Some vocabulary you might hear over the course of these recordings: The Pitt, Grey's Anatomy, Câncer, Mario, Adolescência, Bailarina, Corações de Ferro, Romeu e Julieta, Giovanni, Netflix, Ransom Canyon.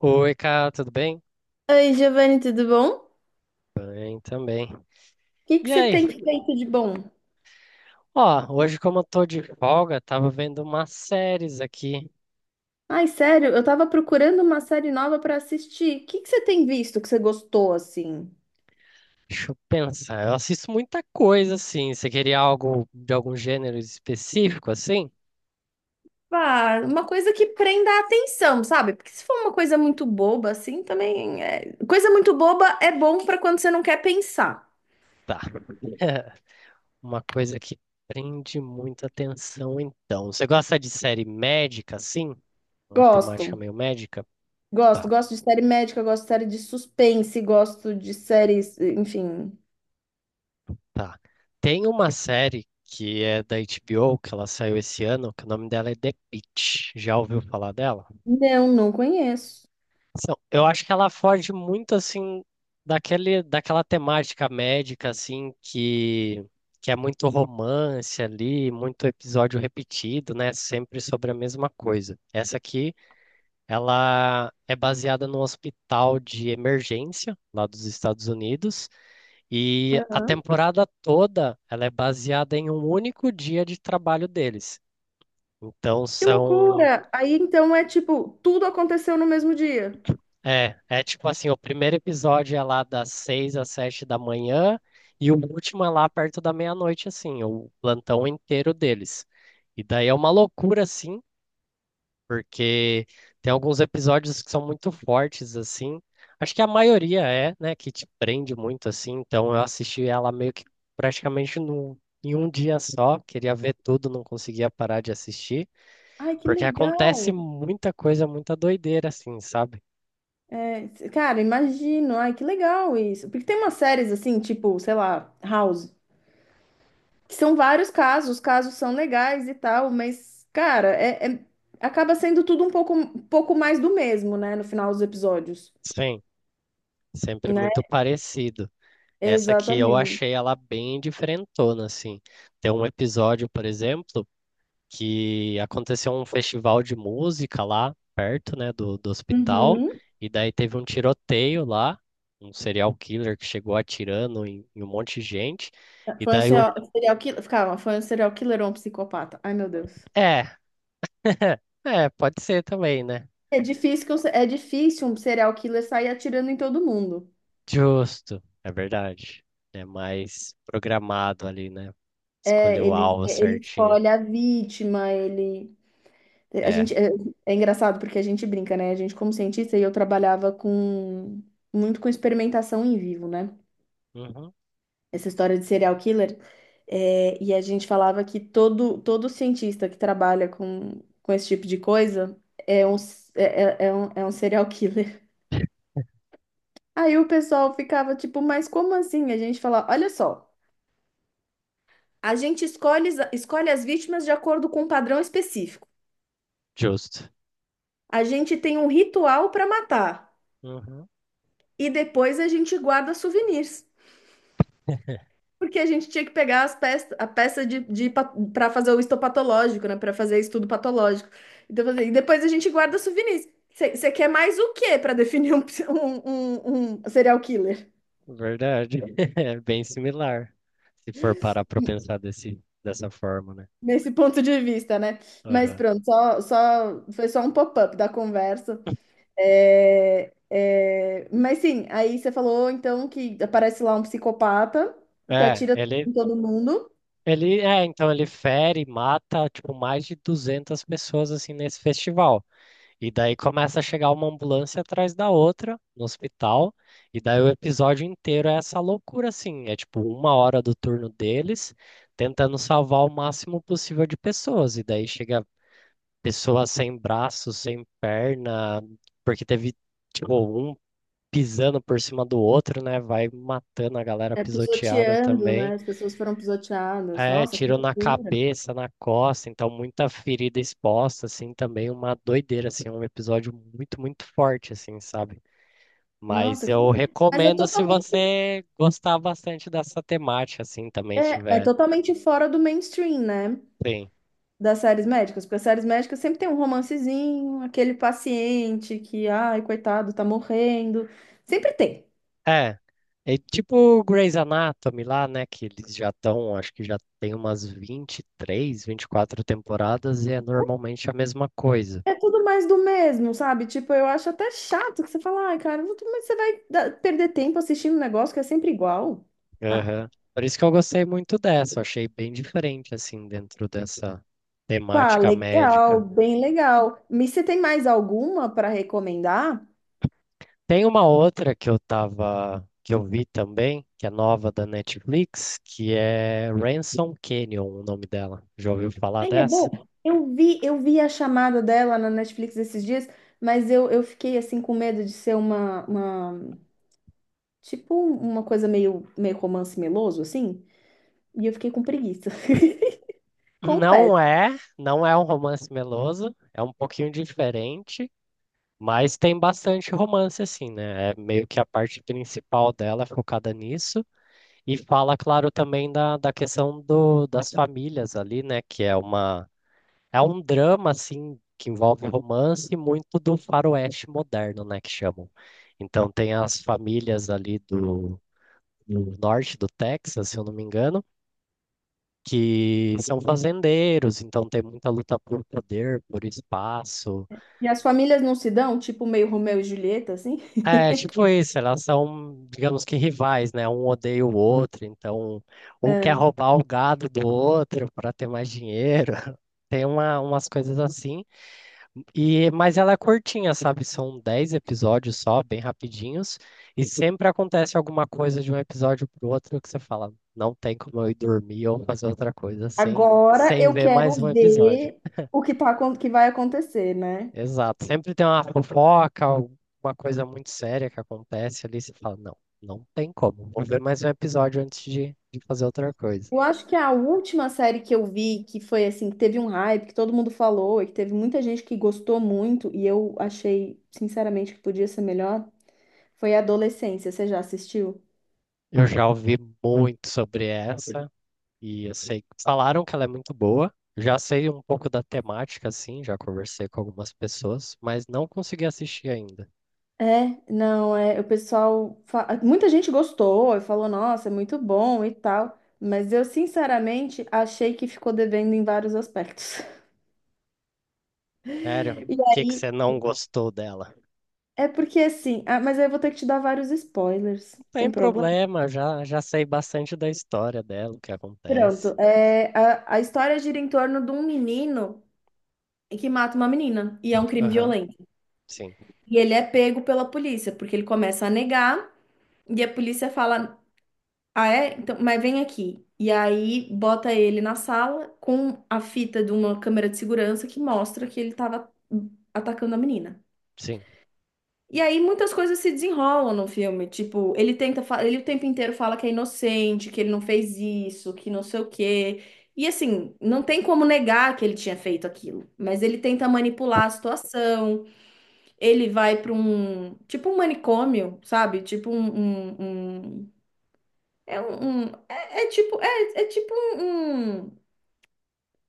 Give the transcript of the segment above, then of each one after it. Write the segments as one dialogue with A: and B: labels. A: Oi, cara, tudo bem?
B: Oi, Giovanni, tudo bom? O
A: Bem também.
B: que que
A: E
B: você
A: aí?
B: tem feito de bom?
A: Ó, hoje como eu tô de folga, tava vendo umas séries aqui.
B: Ai, sério, eu tava procurando uma série nova pra assistir. O que que você tem visto que você gostou assim?
A: Deixa eu pensar. Eu assisto muita coisa, assim. Você queria algo de algum gênero específico, assim?
B: Ah, uma coisa que prenda a atenção, sabe? Porque se for uma coisa muito boba assim, também coisa muito boba é bom pra quando você não quer pensar.
A: Tá. Uma coisa que prende muita atenção, então. Você gosta de série médica, assim? Uma temática
B: Gosto.
A: meio médica?
B: Gosto,
A: Tá,
B: gosto de série médica, gosto de série de suspense, gosto de séries, enfim.
A: tá. Tem uma série que é da HBO, que ela saiu esse ano, que o nome dela é The Pitt. Já ouviu falar dela?
B: Não, não conheço.
A: Eu acho que ela foge muito assim daquela temática médica assim que é muito romance ali, muito episódio repetido, né? Sempre sobre a mesma coisa. Essa aqui, ela é baseada no hospital de emergência lá dos Estados Unidos e a
B: Aham.
A: temporada toda ela é baseada em um único dia de trabalho deles. Então
B: Que
A: são
B: loucura! Aí então é tipo, tudo aconteceu no mesmo dia.
A: é, é tipo assim, o primeiro episódio é lá das seis às sete da manhã e o último é lá perto da meia-noite, assim, o plantão inteiro deles. E daí é uma loucura, assim, porque tem alguns episódios que são muito fortes, assim. Acho que a maioria é, né, que te prende muito, assim. Então eu assisti ela meio que praticamente no, em um dia só. Queria ver tudo, não conseguia parar de assistir,
B: Ai, que
A: porque acontece
B: legal!
A: muita coisa, muita doideira, assim, sabe?
B: Cara, imagino. Ai, que legal isso. Porque tem umas séries assim, tipo, sei lá, House, que são vários casos, os casos são legais e tal, mas, cara, acaba sendo tudo um pouco mais do mesmo, né, no final dos episódios,
A: Sim. Sempre
B: né?
A: muito parecido. Essa aqui eu
B: Exatamente.
A: achei ela bem diferentona, assim. Tem um episódio, por exemplo, que aconteceu um festival de música lá perto, né, do hospital,
B: Uhum.
A: e daí teve um tiroteio lá, um serial killer que chegou atirando em um monte de gente, e
B: Foi um
A: daí o...
B: serial, serial killer. Calma, foi um serial killer ou um psicopata? Ai, meu Deus.
A: É, é, pode ser também, né?
B: É difícil, que um é difícil um serial killer sair atirando em todo mundo.
A: Justo, é verdade. É mais programado ali, né?
B: É,
A: Escolheu o
B: ele,
A: alvo
B: ele
A: certinho.
B: escolhe a vítima, ele. É, A
A: É.
B: gente é, é engraçado porque a gente brinca, né? A gente, como cientista, e eu trabalhava com muito com experimentação em vivo, né?
A: Uhum.
B: Essa história de serial killer. E a gente falava que todo cientista que trabalha com esse tipo de coisa é é um serial killer. Aí o pessoal ficava tipo, mas como assim? A gente falava, olha só, a gente escolhe as vítimas de acordo com um padrão específico.
A: Justo.
B: A gente tem um ritual para matar.
A: Uhum.
B: E depois a gente guarda souvenirs. Porque a gente tinha que pegar as peças, a peça para fazer o histopatológico, né? Para fazer estudo patológico. Então, assim, e depois a gente guarda souvenirs. Você quer mais o quê para definir um, um serial killer?
A: Verdade. É bem similar, se for parar para pensar dessa forma, né?
B: Nesse ponto de vista, né? Mas
A: Aham.
B: pronto, foi só um pop-up da conversa. Mas sim, aí você falou então que aparece lá um psicopata que
A: É,
B: atira
A: ele,
B: em todo mundo,
A: é, então ele fere, mata, tipo, mais de 200 pessoas, assim, nesse festival. E daí começa a chegar uma ambulância atrás da outra, no hospital, e daí o episódio inteiro é essa loucura, assim, é tipo uma hora do turno deles, tentando salvar o máximo possível de pessoas, e daí chega pessoa sem braço, sem perna, porque teve, tipo, um pisando por cima do outro, né? Vai matando a galera
B: é,
A: pisoteada
B: pisoteando,
A: também.
B: né? As pessoas foram pisoteadas.
A: É,
B: Nossa, que
A: tiro na
B: loucura.
A: cabeça, na costa, então muita ferida exposta, assim, também uma doideira, assim, um episódio muito, muito forte, assim, sabe? Mas
B: Nossa, que...
A: eu
B: mas é
A: recomendo se
B: totalmente,
A: você gostar bastante dessa temática, assim, também
B: é
A: tiver.
B: totalmente fora do mainstream, né?
A: Sim.
B: Das séries médicas, porque as séries médicas sempre tem um romancezinho, aquele paciente que, ai, coitado, tá morrendo. Sempre tem.
A: É, é tipo Grey's Anatomy lá, né? Que eles já estão, acho que já tem umas 23, quatro temporadas e é normalmente a mesma coisa.
B: É tudo mais do mesmo, sabe? Tipo, eu acho até chato que você fala, ai, cara, mas você vai perder tempo assistindo um negócio que é sempre igual. Ah,
A: Aham. Por isso que eu gostei muito dessa, eu achei bem diferente, assim, dentro dessa
B: pá,
A: temática
B: legal,
A: médica.
B: bem legal. Mas você tem mais alguma para recomendar?
A: Tem uma outra que eu tava, que eu vi também, que é nova da Netflix, que é Ransom Canyon, o nome dela. Já ouviu falar
B: Ai, é
A: dessa?
B: bom. Eu vi a chamada dela na Netflix esses dias, mas eu fiquei assim com medo de ser uma tipo uma coisa meio romance meloso, assim, e eu fiquei com preguiça.
A: Não
B: Confesso.
A: é, não é um romance meloso, é um pouquinho diferente, mas tem bastante romance assim, né? É meio que a parte principal dela é focada nisso e fala, claro, também da questão do, das famílias ali, né? Que é uma é um drama assim que envolve romance e muito do faroeste moderno, né? Que chamam. Então tem as famílias ali do norte do Texas, se eu não me engano que são fazendeiros, então tem muita luta por poder, por espaço.
B: E as famílias não se dão, tipo meio Romeu e Julieta, assim.
A: É, tipo isso, elas são, digamos que rivais, né? Um odeia o outro, então um quer
B: Ahn,
A: roubar o gado do outro para ter mais dinheiro. Tem uma, umas coisas assim. E, mas ela é curtinha, sabe? São 10 episódios só, bem rapidinhos, e sempre acontece alguma coisa de um episódio pro outro que você fala, não tem como eu ir dormir ou fazer outra coisa sem,
B: Agora
A: sem
B: eu
A: ver
B: quero
A: mais um episódio.
B: ver o que que vai acontecer, né?
A: Exato. Sempre tem uma fofoca, alguma coisa muito séria que acontece ali. Você fala, não, não tem como. Vou ver mais um episódio antes de fazer outra coisa.
B: Eu acho que a última série que eu vi, que foi assim, que teve um hype, que todo mundo falou, e que teve muita gente que gostou muito, e eu achei, sinceramente, que podia ser melhor, foi Adolescência. Você já assistiu?
A: Eu já ouvi muito sobre essa e eu sei, falaram que ela é muito boa. Já sei um pouco da temática, assim, já conversei com algumas pessoas, mas não consegui assistir ainda.
B: É, não, é, o pessoal, muita gente gostou e falou, nossa, é muito bom e tal, mas eu sinceramente achei que ficou devendo em vários aspectos.
A: Sério, o
B: E
A: que que
B: aí,
A: você não gostou dela?
B: é porque assim, ah, mas aí eu vou ter que te dar vários spoilers,
A: Não tem
B: tem problema?
A: problema, já sei bastante da história dela, o que acontece.
B: Pronto, a história gira em torno de um menino que mata uma menina. E é um crime
A: Aham,
B: violento.
A: sim,
B: E ele é pego pela polícia, porque ele começa a negar, e a polícia fala: Ah, é? Então, mas vem aqui. E aí bota ele na sala com a fita de uma câmera de segurança que mostra que ele tava atacando a menina.
A: sim.
B: E aí muitas coisas se desenrolam no filme. Tipo, ele o tempo inteiro fala que é inocente, que ele não fez isso, que não sei o quê. E assim, não tem como negar que ele tinha feito aquilo, mas ele tenta manipular a situação. Ele vai para um tipo um manicômio, sabe? Tipo um, um- um- um, um- é, é tipo um, um-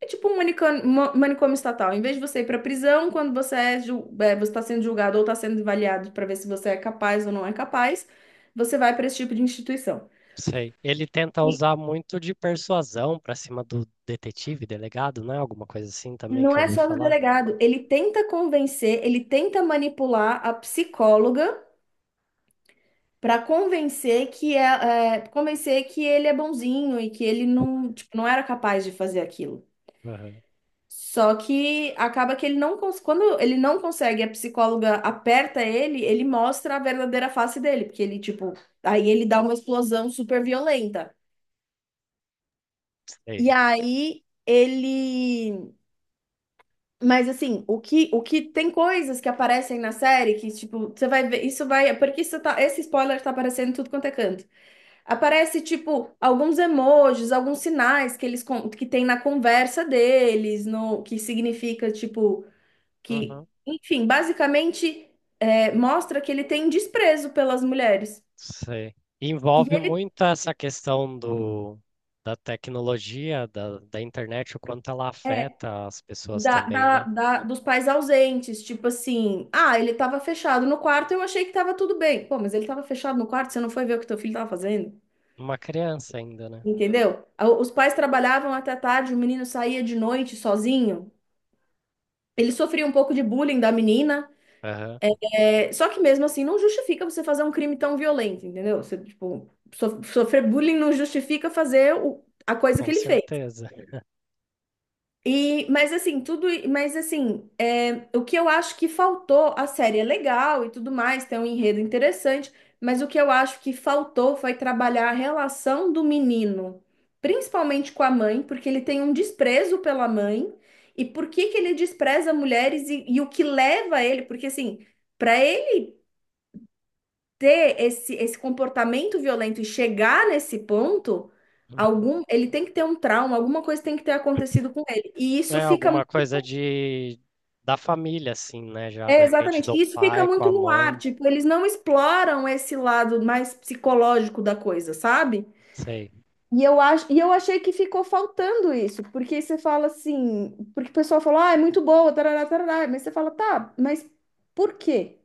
B: é tipo um manicômio, manicômio estatal. Em vez de você ir para prisão quando você você está sendo julgado ou está sendo avaliado para ver se você é capaz ou não é capaz, você vai para esse tipo de instituição.
A: Sei. Ele tenta
B: E
A: usar muito de persuasão pra cima do detetive, delegado, né? Alguma coisa assim também
B: não
A: que eu
B: é
A: ouvi
B: só do
A: falar.
B: delegado, ele tenta convencer, ele tenta manipular a psicóloga. Pra convencer que convencer que ele é bonzinho e que ele não, tipo, não era capaz de fazer aquilo.
A: Aham.
B: Só que acaba que ele não cons- quando ele não consegue, a psicóloga aperta ele, ele mostra a verdadeira face dele, porque ele tipo, aí ele dá uma explosão super violenta. E
A: Sei.
B: aí ele. Mas assim, o que tem coisas que aparecem na série que, tipo, você vai ver, isso vai, porque isso tá, esse spoiler tá aparecendo em tudo quanto é canto. Aparece, tipo, alguns emojis, alguns sinais que que tem na conversa deles, no que significa, tipo, que,
A: Uhum.
B: enfim, basicamente mostra que ele tem desprezo pelas mulheres.
A: Sei.
B: E
A: Envolve
B: ele
A: muito essa questão do, da tecnologia, da internet, o quanto ela
B: é
A: afeta as pessoas também, né?
B: dos pais ausentes, tipo assim, ah, ele tava fechado no quarto, eu achei que tava tudo bem. Pô, mas ele tava fechado no quarto, você não foi ver o que teu filho tava fazendo?
A: Uma criança ainda, né?
B: Entendeu? Os pais trabalhavam até tarde, o menino saía de noite sozinho. Ele sofria um pouco de bullying da menina.
A: Aham.
B: É, só que mesmo assim não justifica você fazer um crime tão violento, entendeu? Você, tipo, sofrer bullying não justifica a coisa que
A: Com
B: ele fez.
A: certeza.
B: E, mas assim, tudo, mas assim, é, o que eu acho que faltou, a série é legal e tudo mais, tem um enredo interessante, mas o que eu acho que faltou foi trabalhar a relação do menino, principalmente com a mãe, porque ele tem um desprezo pela mãe, e por que que ele despreza mulheres e o que leva ele, porque assim, para ele ter esse, esse comportamento violento e chegar nesse ponto,
A: Uhum.
B: algum, ele tem que ter um trauma, alguma coisa tem que ter acontecido com ele.
A: É alguma coisa de da família, assim, né? Já de
B: É,
A: repente
B: exatamente,
A: do
B: e isso fica
A: pai com
B: muito
A: a
B: no ar,
A: mãe.
B: tipo, eles não exploram esse lado mais psicológico da coisa, sabe?
A: Sei.
B: E eu acho, e eu achei que ficou faltando isso, porque você fala assim, porque o pessoal fala, ah, é muito boa, tarará, tarará, mas você fala, tá, mas por quê?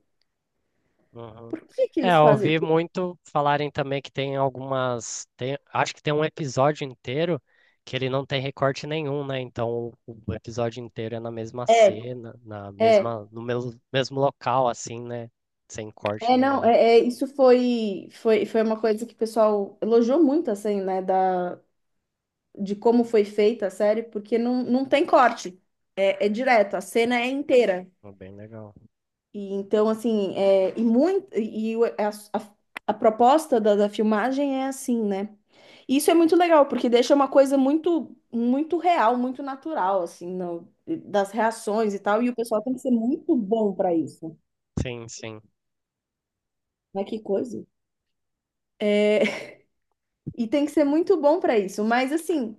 A: Uhum.
B: Por que que
A: É,
B: eles
A: eu
B: fazem
A: ouvi
B: isso?
A: muito falarem também que tem algumas. Acho que tem um episódio inteiro que ele não tem recorte nenhum, né? Então o episódio inteiro é na mesma
B: É,
A: cena,
B: é.
A: no mesmo local, assim, né? Sem corte
B: É,
A: nem
B: não,
A: nada.
B: é, é, Isso foi, foi uma coisa que o pessoal elogiou muito, assim, né, da, de como foi feita a série, porque não tem corte, é direto, a cena é inteira.
A: Então, bem legal.
B: E então, assim, e muito, a, a proposta da filmagem é assim, né? E isso é muito legal, porque deixa uma coisa muito, muito real, muito natural, assim, das reações e tal, e o pessoal tem que ser muito bom para isso.
A: Sim.
B: Mas que coisa. E tem que ser muito bom para isso. Mas assim,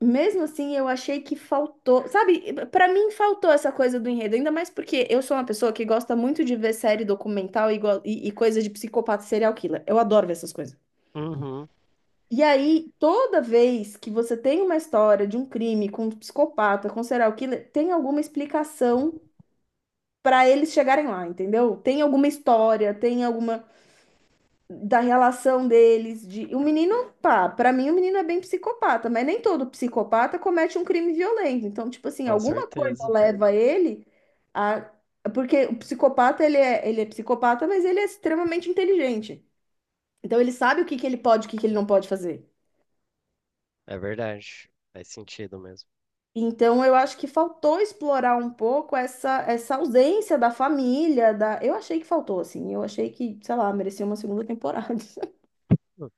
B: mesmo assim, eu achei que faltou. Sabe, para mim faltou essa coisa do enredo. Ainda mais porque eu sou uma pessoa que gosta muito de ver série documental e coisa de psicopata e serial killer. Eu adoro ver essas coisas.
A: Uhum,
B: E aí, toda vez que você tem uma história de um crime com um psicopata, com um serial killer, tem alguma explicação para eles chegarem lá, entendeu? Tem alguma história, tem alguma. Da relação deles, de o menino, pá, para mim o menino é bem psicopata, mas nem todo psicopata comete um crime violento. Então, tipo assim,
A: com
B: alguma coisa
A: certeza.
B: leva ele a porque o ele é psicopata, mas ele é extremamente inteligente. Então ele sabe o que que ele pode, e o que que ele não pode fazer.
A: É verdade. Faz sentido mesmo.
B: Então eu acho que faltou explorar um pouco essa essa ausência da família, da eu achei que faltou assim, eu achei que, sei lá, merecia uma segunda temporada.
A: Hum.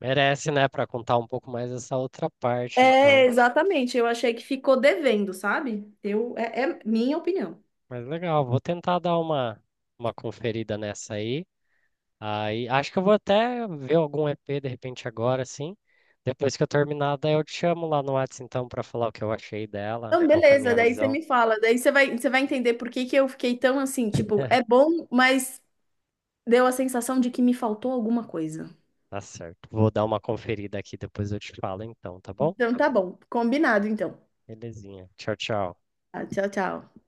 A: Merece, né, pra contar um pouco mais essa outra parte,
B: É,
A: então.
B: exatamente. Eu achei que ficou devendo, sabe? É minha opinião.
A: Mas legal, vou tentar dar uma conferida nessa aí. Aí acho que eu vou até ver algum EP de repente agora, assim. Depois que eu terminar, daí eu te chamo lá no Whats então pra falar o que eu achei dela,
B: Então,
A: qual que é a
B: beleza,
A: minha
B: daí você
A: visão.
B: me fala, daí você vai entender por que que eu fiquei tão assim, tipo, é bom, mas deu a sensação de que me faltou alguma coisa.
A: Tá certo. Vou dar uma conferida aqui, depois eu te falo então, tá bom?
B: Então tá bom, combinado então.
A: Belezinha. Tchau, tchau.
B: Tá, tchau, tchau.